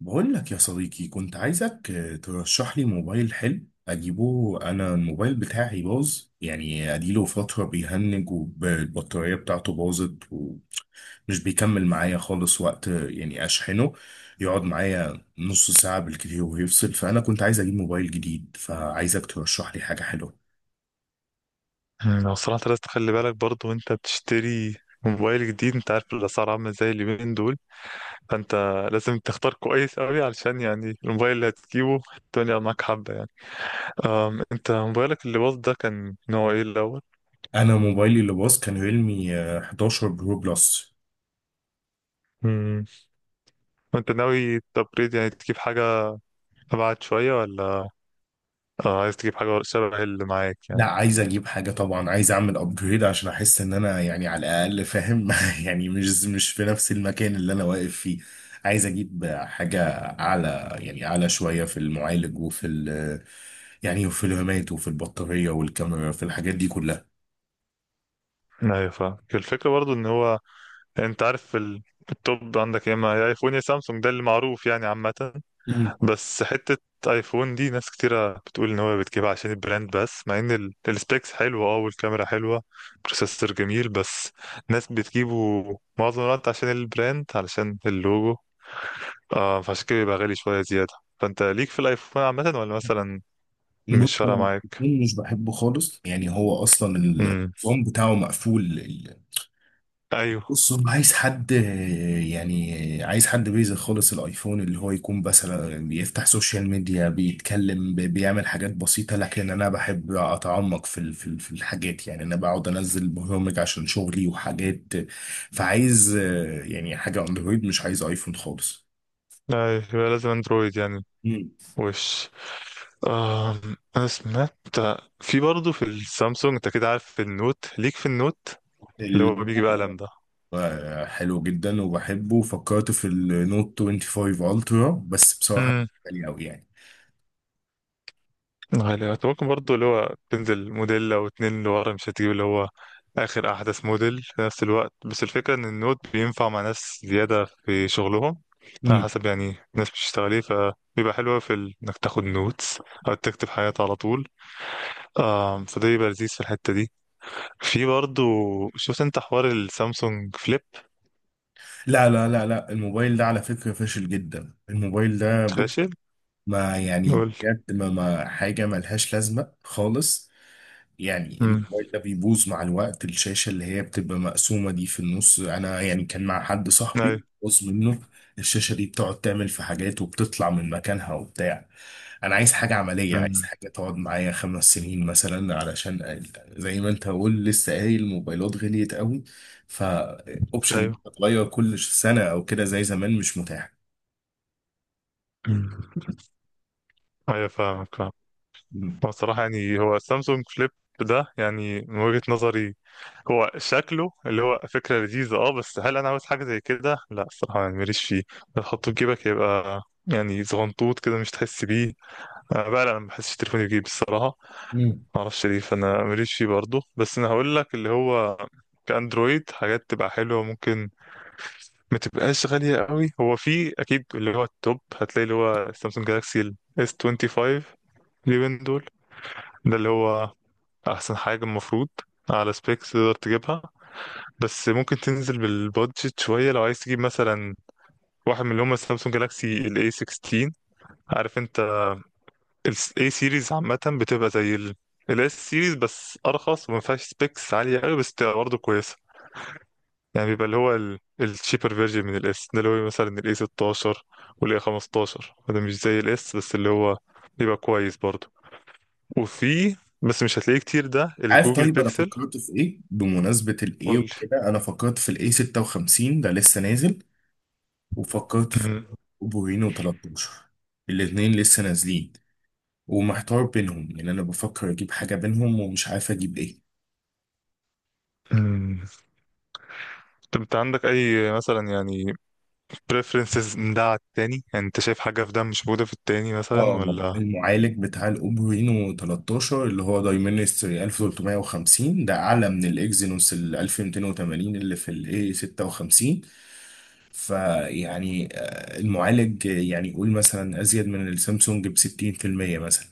بقول لك يا صديقي، كنت عايزك ترشح لي موبايل حلو اجيبه. انا الموبايل بتاعي باظ، يعني اديله فترة بيهنج والبطارية بتاعته باظت ومش بيكمل معايا خالص. وقت يعني اشحنه يقعد معايا نص ساعة بالكتير ويفصل. فانا كنت عايز اجيب موبايل جديد، فعايزك ترشح لي حاجة حلوة. أنا صراحة لازم تخلي بالك برضو وانت بتشتري موبايل جديد. انت عارف الاسعار عاملة ازاي اليومين دول، فانت لازم تختار كويس قوي، علشان يعني الموبايل اللي هتجيبه الدنيا معاك حبة يعني. انت موبايلك اللي باظ ده كان نوع ايه الاول؟ انا موبايلي اللي باظ كان ريلمي 11 برو بلس. مم. وانت ناوي تبريد يعني تجيب حاجة أبعد شوية، ولا عايز تجيب حاجة شبه اللي معاك لا، يعني؟ عايز اجيب حاجه طبعا. عايز اعمل ابجريد عشان احس ان انا يعني على الاقل فاهم يعني مش في نفس المكان اللي انا واقف فيه. عايز اجيب حاجه اعلى، يعني اعلى شويه في المعالج وفي ال يعني وفي الرامات وفي البطاريه والكاميرا في الحاجات دي كلها. أيوة، فاهم الفكرة. برضو إن هو أنت عارف التوب عندك يا إما يا أيفون يا سامسونج، ده اللي معروف يعني عامة. مم. بس حتة ايفون دي ناس كتيرة بتقول ان هو بتجيبها عشان البراند، بس مع ان السبيكس حلوة، اه، والكاميرا حلوة، بروسيسور جميل، بس ناس بتجيبه معظم الوقت عشان البراند، علشان اللوجو. آه، فعشان كده بيبقى غالي شوية زيادة. فانت ليك في الايفون عامة، ولا مثلا بص، مش انا فارقة معاك؟ الاتنين مش بحبه خالص، يعني هو اصلا امم، النظام بتاعه مقفول. ايوه. بص، هو عايز حد، يعني عايز حد بيزك خالص. الايفون اللي هو يكون مثلا بيفتح سوشيال ميديا بيتكلم بيعمل حاجات بسيطة. لكن انا بحب اتعمق في الحاجات، يعني انا بقعد انزل برامج عشان شغلي وحاجات. فعايز يعني حاجة اندرويد، مش عايز ايفون خالص. ايوه، يبقى لازم اندرويد يعني. مم. وش آه انا سمعت في برضه في السامسونج، انت كده عارف النوت، ليك في النوت اللي هو بيجي بقلم الموضوع. ده؟ حلو جدا وبحبه. فكرت في النوت 25 الترا، بس بصراحة غالي قوي يعني. غالي. أنت ممكن برضه اللي هو تنزل موديل أو اتنين لورا، مش هتجيب اللي هو آخر أحدث موديل في نفس الوقت، بس الفكرة إن النوت بينفع مع ناس زيادة في شغلهم، على حسب يعني الناس بتشتغل إيه. فبيبقى حلو أوي في إنك تاخد نوتس أو تكتب حاجات على طول. فده بيبقى لذيذ في الحتة دي. في برضه، شفت أنت حوار السامسونج فليب؟ لا، لا، لا، لا، الموبايل ده على فكرة فاشل جدا. الموبايل ده، بص. فاشل؟ ما يعني قول. بجد، ما حاجة ملهاش لازمة خالص. يعني أمم، الموبايل ده بيبوظ مع الوقت. الشاشة اللي هي بتبقى مقسومة دي في النص، أنا يعني كان مع حد أيوه. صاحبي بوظ منه. الشاشة دي بتقعد تعمل في حاجات وبتطلع من مكانها وبتاع. أنا عايز حاجة عملية، عايز مم. حاجة تقعد معايا 5 سنين مثلا علشان زي ما أنت قول لسه قايل، الموبايلات غليت قوي. فأوبشن أيوه. تتغير كل سنة أو كده زي زمان مش متاح. أمم. أيوه، فاهمك فاهمك. مم. هو الصراحة يعني هو السامسونج فليب ده، يعني من وجهة نظري، هو شكله اللي هو فكرة لذيذة، اه، بس هل أنا عاوز حاجة زي كده؟ لا الصراحة، يعني ماليش فيه. تحطه في جيبك يبقى يعني زغنطوط كده، مش تحس بيه. أنا بقى لا، انا ما بحسش تليفوني بجيب الصراحة، مم. معرفش ليه. فأنا ماليش فيه برضه. بس أنا هقول لك اللي هو كأندرويد، حاجات تبقى حلوة ممكن ما تبقاش غالية قوي. هو في أكيد اللي هو التوب، هتلاقي اللي هو سامسونج جالاكسي S25 اليومين دول، ده اللي هو احسن حاجة المفروض على سبيكس تقدر تجيبها. بس ممكن تنزل بالبادجت شوية، لو عايز تجيب مثلا واحد من اللي هم السامسونج جالاكسي ال A16. عارف انت ال A series عامة بتبقى زي ال S series بس ارخص، وما فيهاش سبيكس عالية قوي، بس بتبقى برضه كويسة. يعني بيبقى اللي هو الشيبر فيرجن من ال S، ده اللي هو مثلا ال A16 وال A15. ده مش زي ال S، بس اللي هو بيبقى كويس برضه. وفي، بس مش هتلاقيه كتير، ده عارف، الجوجل طيب انا بيكسل. فكرت في ايه، بمناسبه الايه قول. وكده انا فكرت في الايه 56 ده لسه نازل. وفكرت في بورينو 13. الاتنين لسه نازلين ومحتار بينهم، يعني انا بفكر اجيب حاجة بينهم ومش عارف اجيب ايه. طب انت عندك اي مثلا يعني preferences من ده على التاني؟ يعني انت شايف حاجة في ده مش موجودة في التاني مثلا، اه، ولا؟ المعالج بتاع الاوبرينو 13 اللي هو دايمنستري 1350 ده اعلى من الاكزينوس ال 1280 اللي في الاي 56. فيعني المعالج يعني قول مثلا ازيد من السامسونج ب 60% مثلا.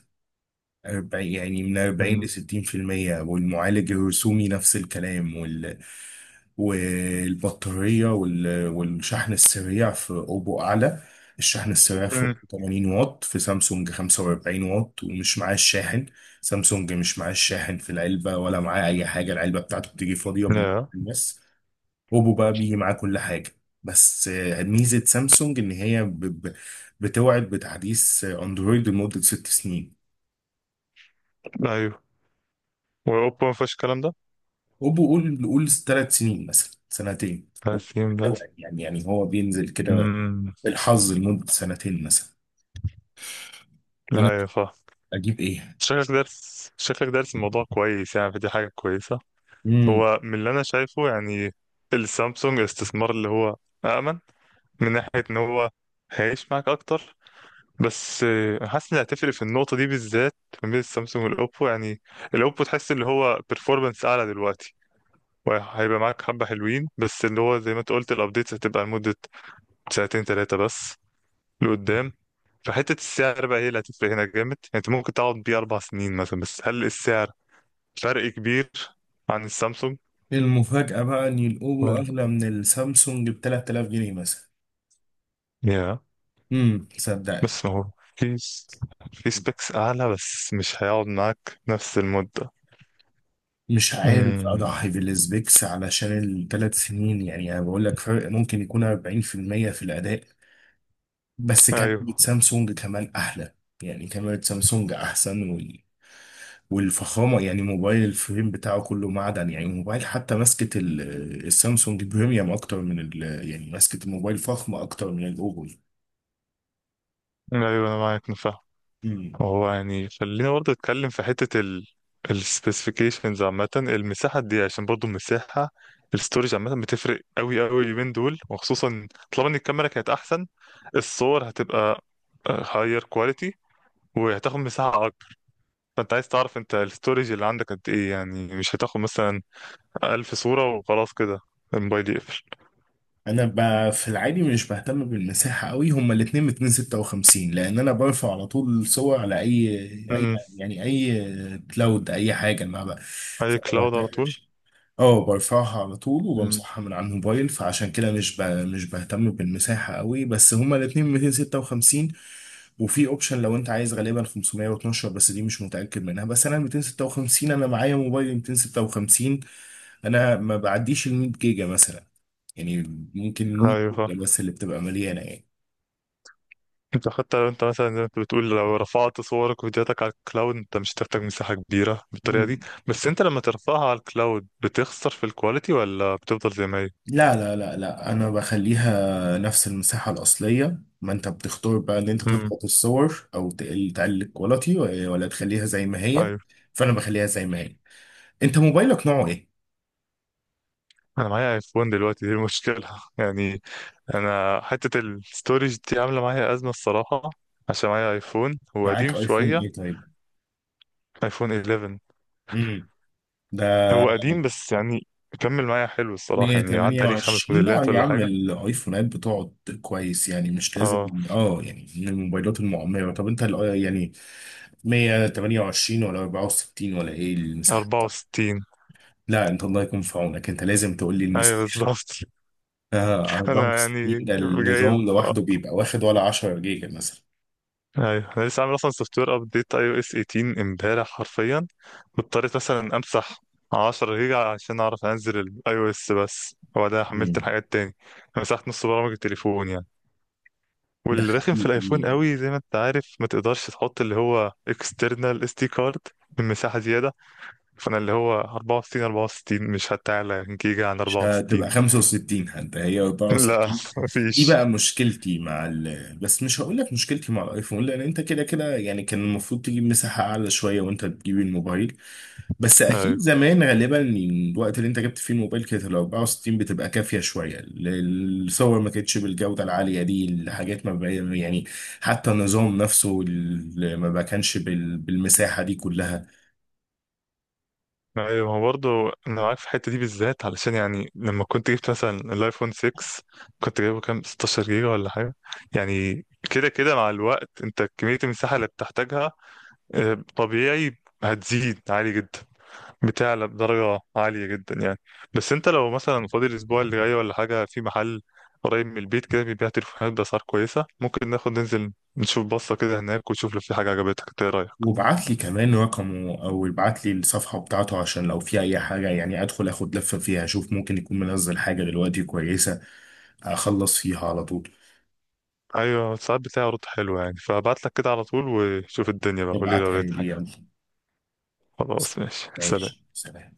40، يعني من 40 مم. ل 60%. والمعالج الرسومي نفس الكلام والبطارية والشحن السريع في أوبو أعلى. الشحن السريع امم. فوق 80 واط، في سامسونج 45 واط ومش معاه الشاحن. سامسونج مش معاه الشاحن في العلبة ولا معاه أي حاجة، العلبة بتاعته بتيجي فاضية بالنسبة. لا. بس أوبو بقى بيجي معاه كل حاجة. بس ميزة سامسونج إن هي ب... بتوعد بتحديث أندرويد لمدة 6 سنين. ايوه. واوبا ما فيهاش الكلام ده؟ هوب قول، نقول 3 سنين مثلا، سنتين تقسيم ده. هو يعني هو بينزل كده امم. بالحظ لمدة سنتين مثلا. انا لا يا فا اجيب ايه؟ شكلك دارس، شكلك دارس الموضوع كويس، يعني فدي حاجة كويسة. امم هو من اللي انا شايفه يعني السامسونج استثمار اللي هو أأمن، من ناحية ان هو هيعيش معاك اكتر. بس حاسس ان هتفرق في النقطه دي بالذات ما بين السامسونج والاوبو، يعني الاوبو تحس اللي هو performance اعلى دلوقتي، وهيبقى معاك حبه حلوين. بس اللي هو زي ما انت قلت، الابديتس هتبقى لمده ساعتين ثلاثه بس لقدام. فحته السعر بقى هي اللي هتفرق هنا جامد، يعني انت ممكن تقعد بيه اربع سنين مثلا. بس هل السعر فرق كبير عن السامسونج المفاجأة بقى ان يلقوه و- اغلى من السامسونج ب 3000 جنيه مثلا. يا صدقني. بس ما هو في في سبيكس اعلى، بس مش هيقعد معاك نفس المده. مش عارف امم. اضحي بالسبيكس علشان ال 3 سنين، يعني انا بقول لك فرق ممكن يكون 40% في المية في الاداء. بس ايوه. كاميرا سامسونج كمان احلى، يعني كاميرا سامسونج احسن. والفخامة يعني موبايل الفريم بتاعه كله معدن، يعني الموبايل. حتى ماسكة السامسونج بريميوم أكتر من يعني ماسكة الموبايل فخمة أكتر من الأوبو. ايوه، انا معاك، أنا فاهم. مم. هو يعني خلينا برضه نتكلم في حتة السبيسيفيكيشنز عامة، المساحة دي، عشان برضه المساحة، الستورج عامة بتفرق قوي قوي اليومين دول، وخصوصا طالما ان الكاميرا كانت احسن، الصور هتبقى هاير كواليتي وهتاخد مساحة اكبر. فانت عايز تعرف انت الستورج اللي عندك قد ايه، يعني مش هتاخد مثلا 1000 صورة وخلاص كده الموبايل يقفل. أنا في العادي مش بهتم بالمساحة قوي. هما الاتنين 256، لأن أنا برفع على طول صور على أي امم. يعني أي كلاود أي حاجة ما بقى، اي فما كلاود على طول. بهتمش. اه، برفعها على طول امم، وبمسحها من على الموبايل. فعشان كده مش بهتم بالمساحة قوي. بس هما الاتنين 256. وفي اوبشن لو انت عايز غالبا 512، بس دي مش متأكد منها. بس انا 256، انا معايا موبايل 256. انا ما بعديش ال 100 جيجا مثلا، يعني ممكن 100 ايوه. جيجا بس اللي بتبقى مليانة يعني. انت حتى لو انت مثلا زي ما انت بتقول، لو رفعت صورك وفيديوهاتك على الكلاود، انت مش هتحتاج مساحة كبيرة بالطريقة دي. مم. بس انت لما ترفعها على الكلاود، بتخسر في الكواليتي ولا بتفضل زي ما هي؟ لا، لا، لا، لا، انا بخليها نفس المساحه الاصليه. ما انت بتختار بقى ان انت امم. تضغط الصور او تقلل الكواليتي ولا تخليها زي ما هي. ايوه. فانا بخليها زي ما هي. انت موبايلك نوعه ايه؟ انا معايا ايفون دلوقتي، دي المشكلة يعني. انا حتة الستورج دي عاملة معايا أزمة الصراحة، عشان معايا ايفون هو قديم معاك ايفون شوية. ايه؟ طيب. ايفون 11. امم. ده. هو قديم، بس يعني كمل معايا حلو الصراحة، يعني عدى عليه خمس 128. لا موديلات يا ولا عم، حاجة. الايفونات بتقعد كويس يعني، مش لازم. اه. اه، يعني من الموبايلات المعمره. طب انت 128 ولا 64 ولا ايه المساحه بتاعتك؟ 64. لا انت الله يكون في عونك. انت لازم تقول لي ايوه المساحه. بالظبط. انا يعني 64 جايب النظام لوحده بيبقى واخد ولا 10 جيجا مثلا. ايوه، انا لسه عامل اصلا سوفت وير ابديت اي او اس 18 امبارح حرفيا، واضطريت مثلا امسح 10 جيجا عشان اعرف انزل الاي او اس بس، وبعدها حملت مم. الحاجات تاني. مسحت نص برامج التليفون يعني. ده والرخم في الايفون حقيقي. قوي، زي ما انت عارف ما تقدرش تحط اللي هو اكسترنال اس دي كارد من مساحه زياده. فانا اللي هو 64، مش هتعلى جيجا عن مش 64 هتبقى 65، حتى هي لا، 64. دي مفيش. بقى مشكلتي مع بس مش هقول لك مشكلتي مع الايفون، لان انت كده كده يعني كان المفروض تجيب مساحة اعلى شوية وانت بتجيب الموبايل. بس اكيد زمان غالبا، الوقت اللي انت جبت فيه الموبايل كانت ال 64 بتبقى كافيه شويه. الصور ما كانتش بالجوده العاليه دي، الحاجات ما بقى يعني. حتى النظام نفسه ما بقى كانش بالمساحه دي كلها. ايوه، ما هو برضه انا معاك في الحته دي بالذات، علشان يعني لما كنت جبت مثلا الايفون 6، كنت جايبه كام، 16 جيجا ولا حاجه. يعني كده كده مع الوقت انت كميه المساحه اللي بتحتاجها، طبيعي هتزيد عالي جدا، بتعلى بدرجه عاليه جدا يعني. بس انت لو مثلا فاضي الاسبوع اللي جاي ولا حاجه، في محل قريب من البيت كده بيبيع تليفونات باسعار كويسه، ممكن ناخد ننزل نشوف بصه كده هناك، ونشوف لو في حاجه عجبتك. إنت ايه رايك؟ وابعت لي كمان رقمه او ابعت لي الصفحه بتاعته عشان لو في اي حاجه يعني ادخل اخد لفه فيها، اشوف ممكن يكون منزل حاجه دلوقتي كويسه اخلص فيها على طول. ايوه، ساعات بتاعي رد حلو يعني، فابعت لك كده على طول وشوف الدنيا بقى، قولي لو ابعتها لقيت لي، حاجة. يلا. خلاص، ماشي، ماشي، سلام. سلام.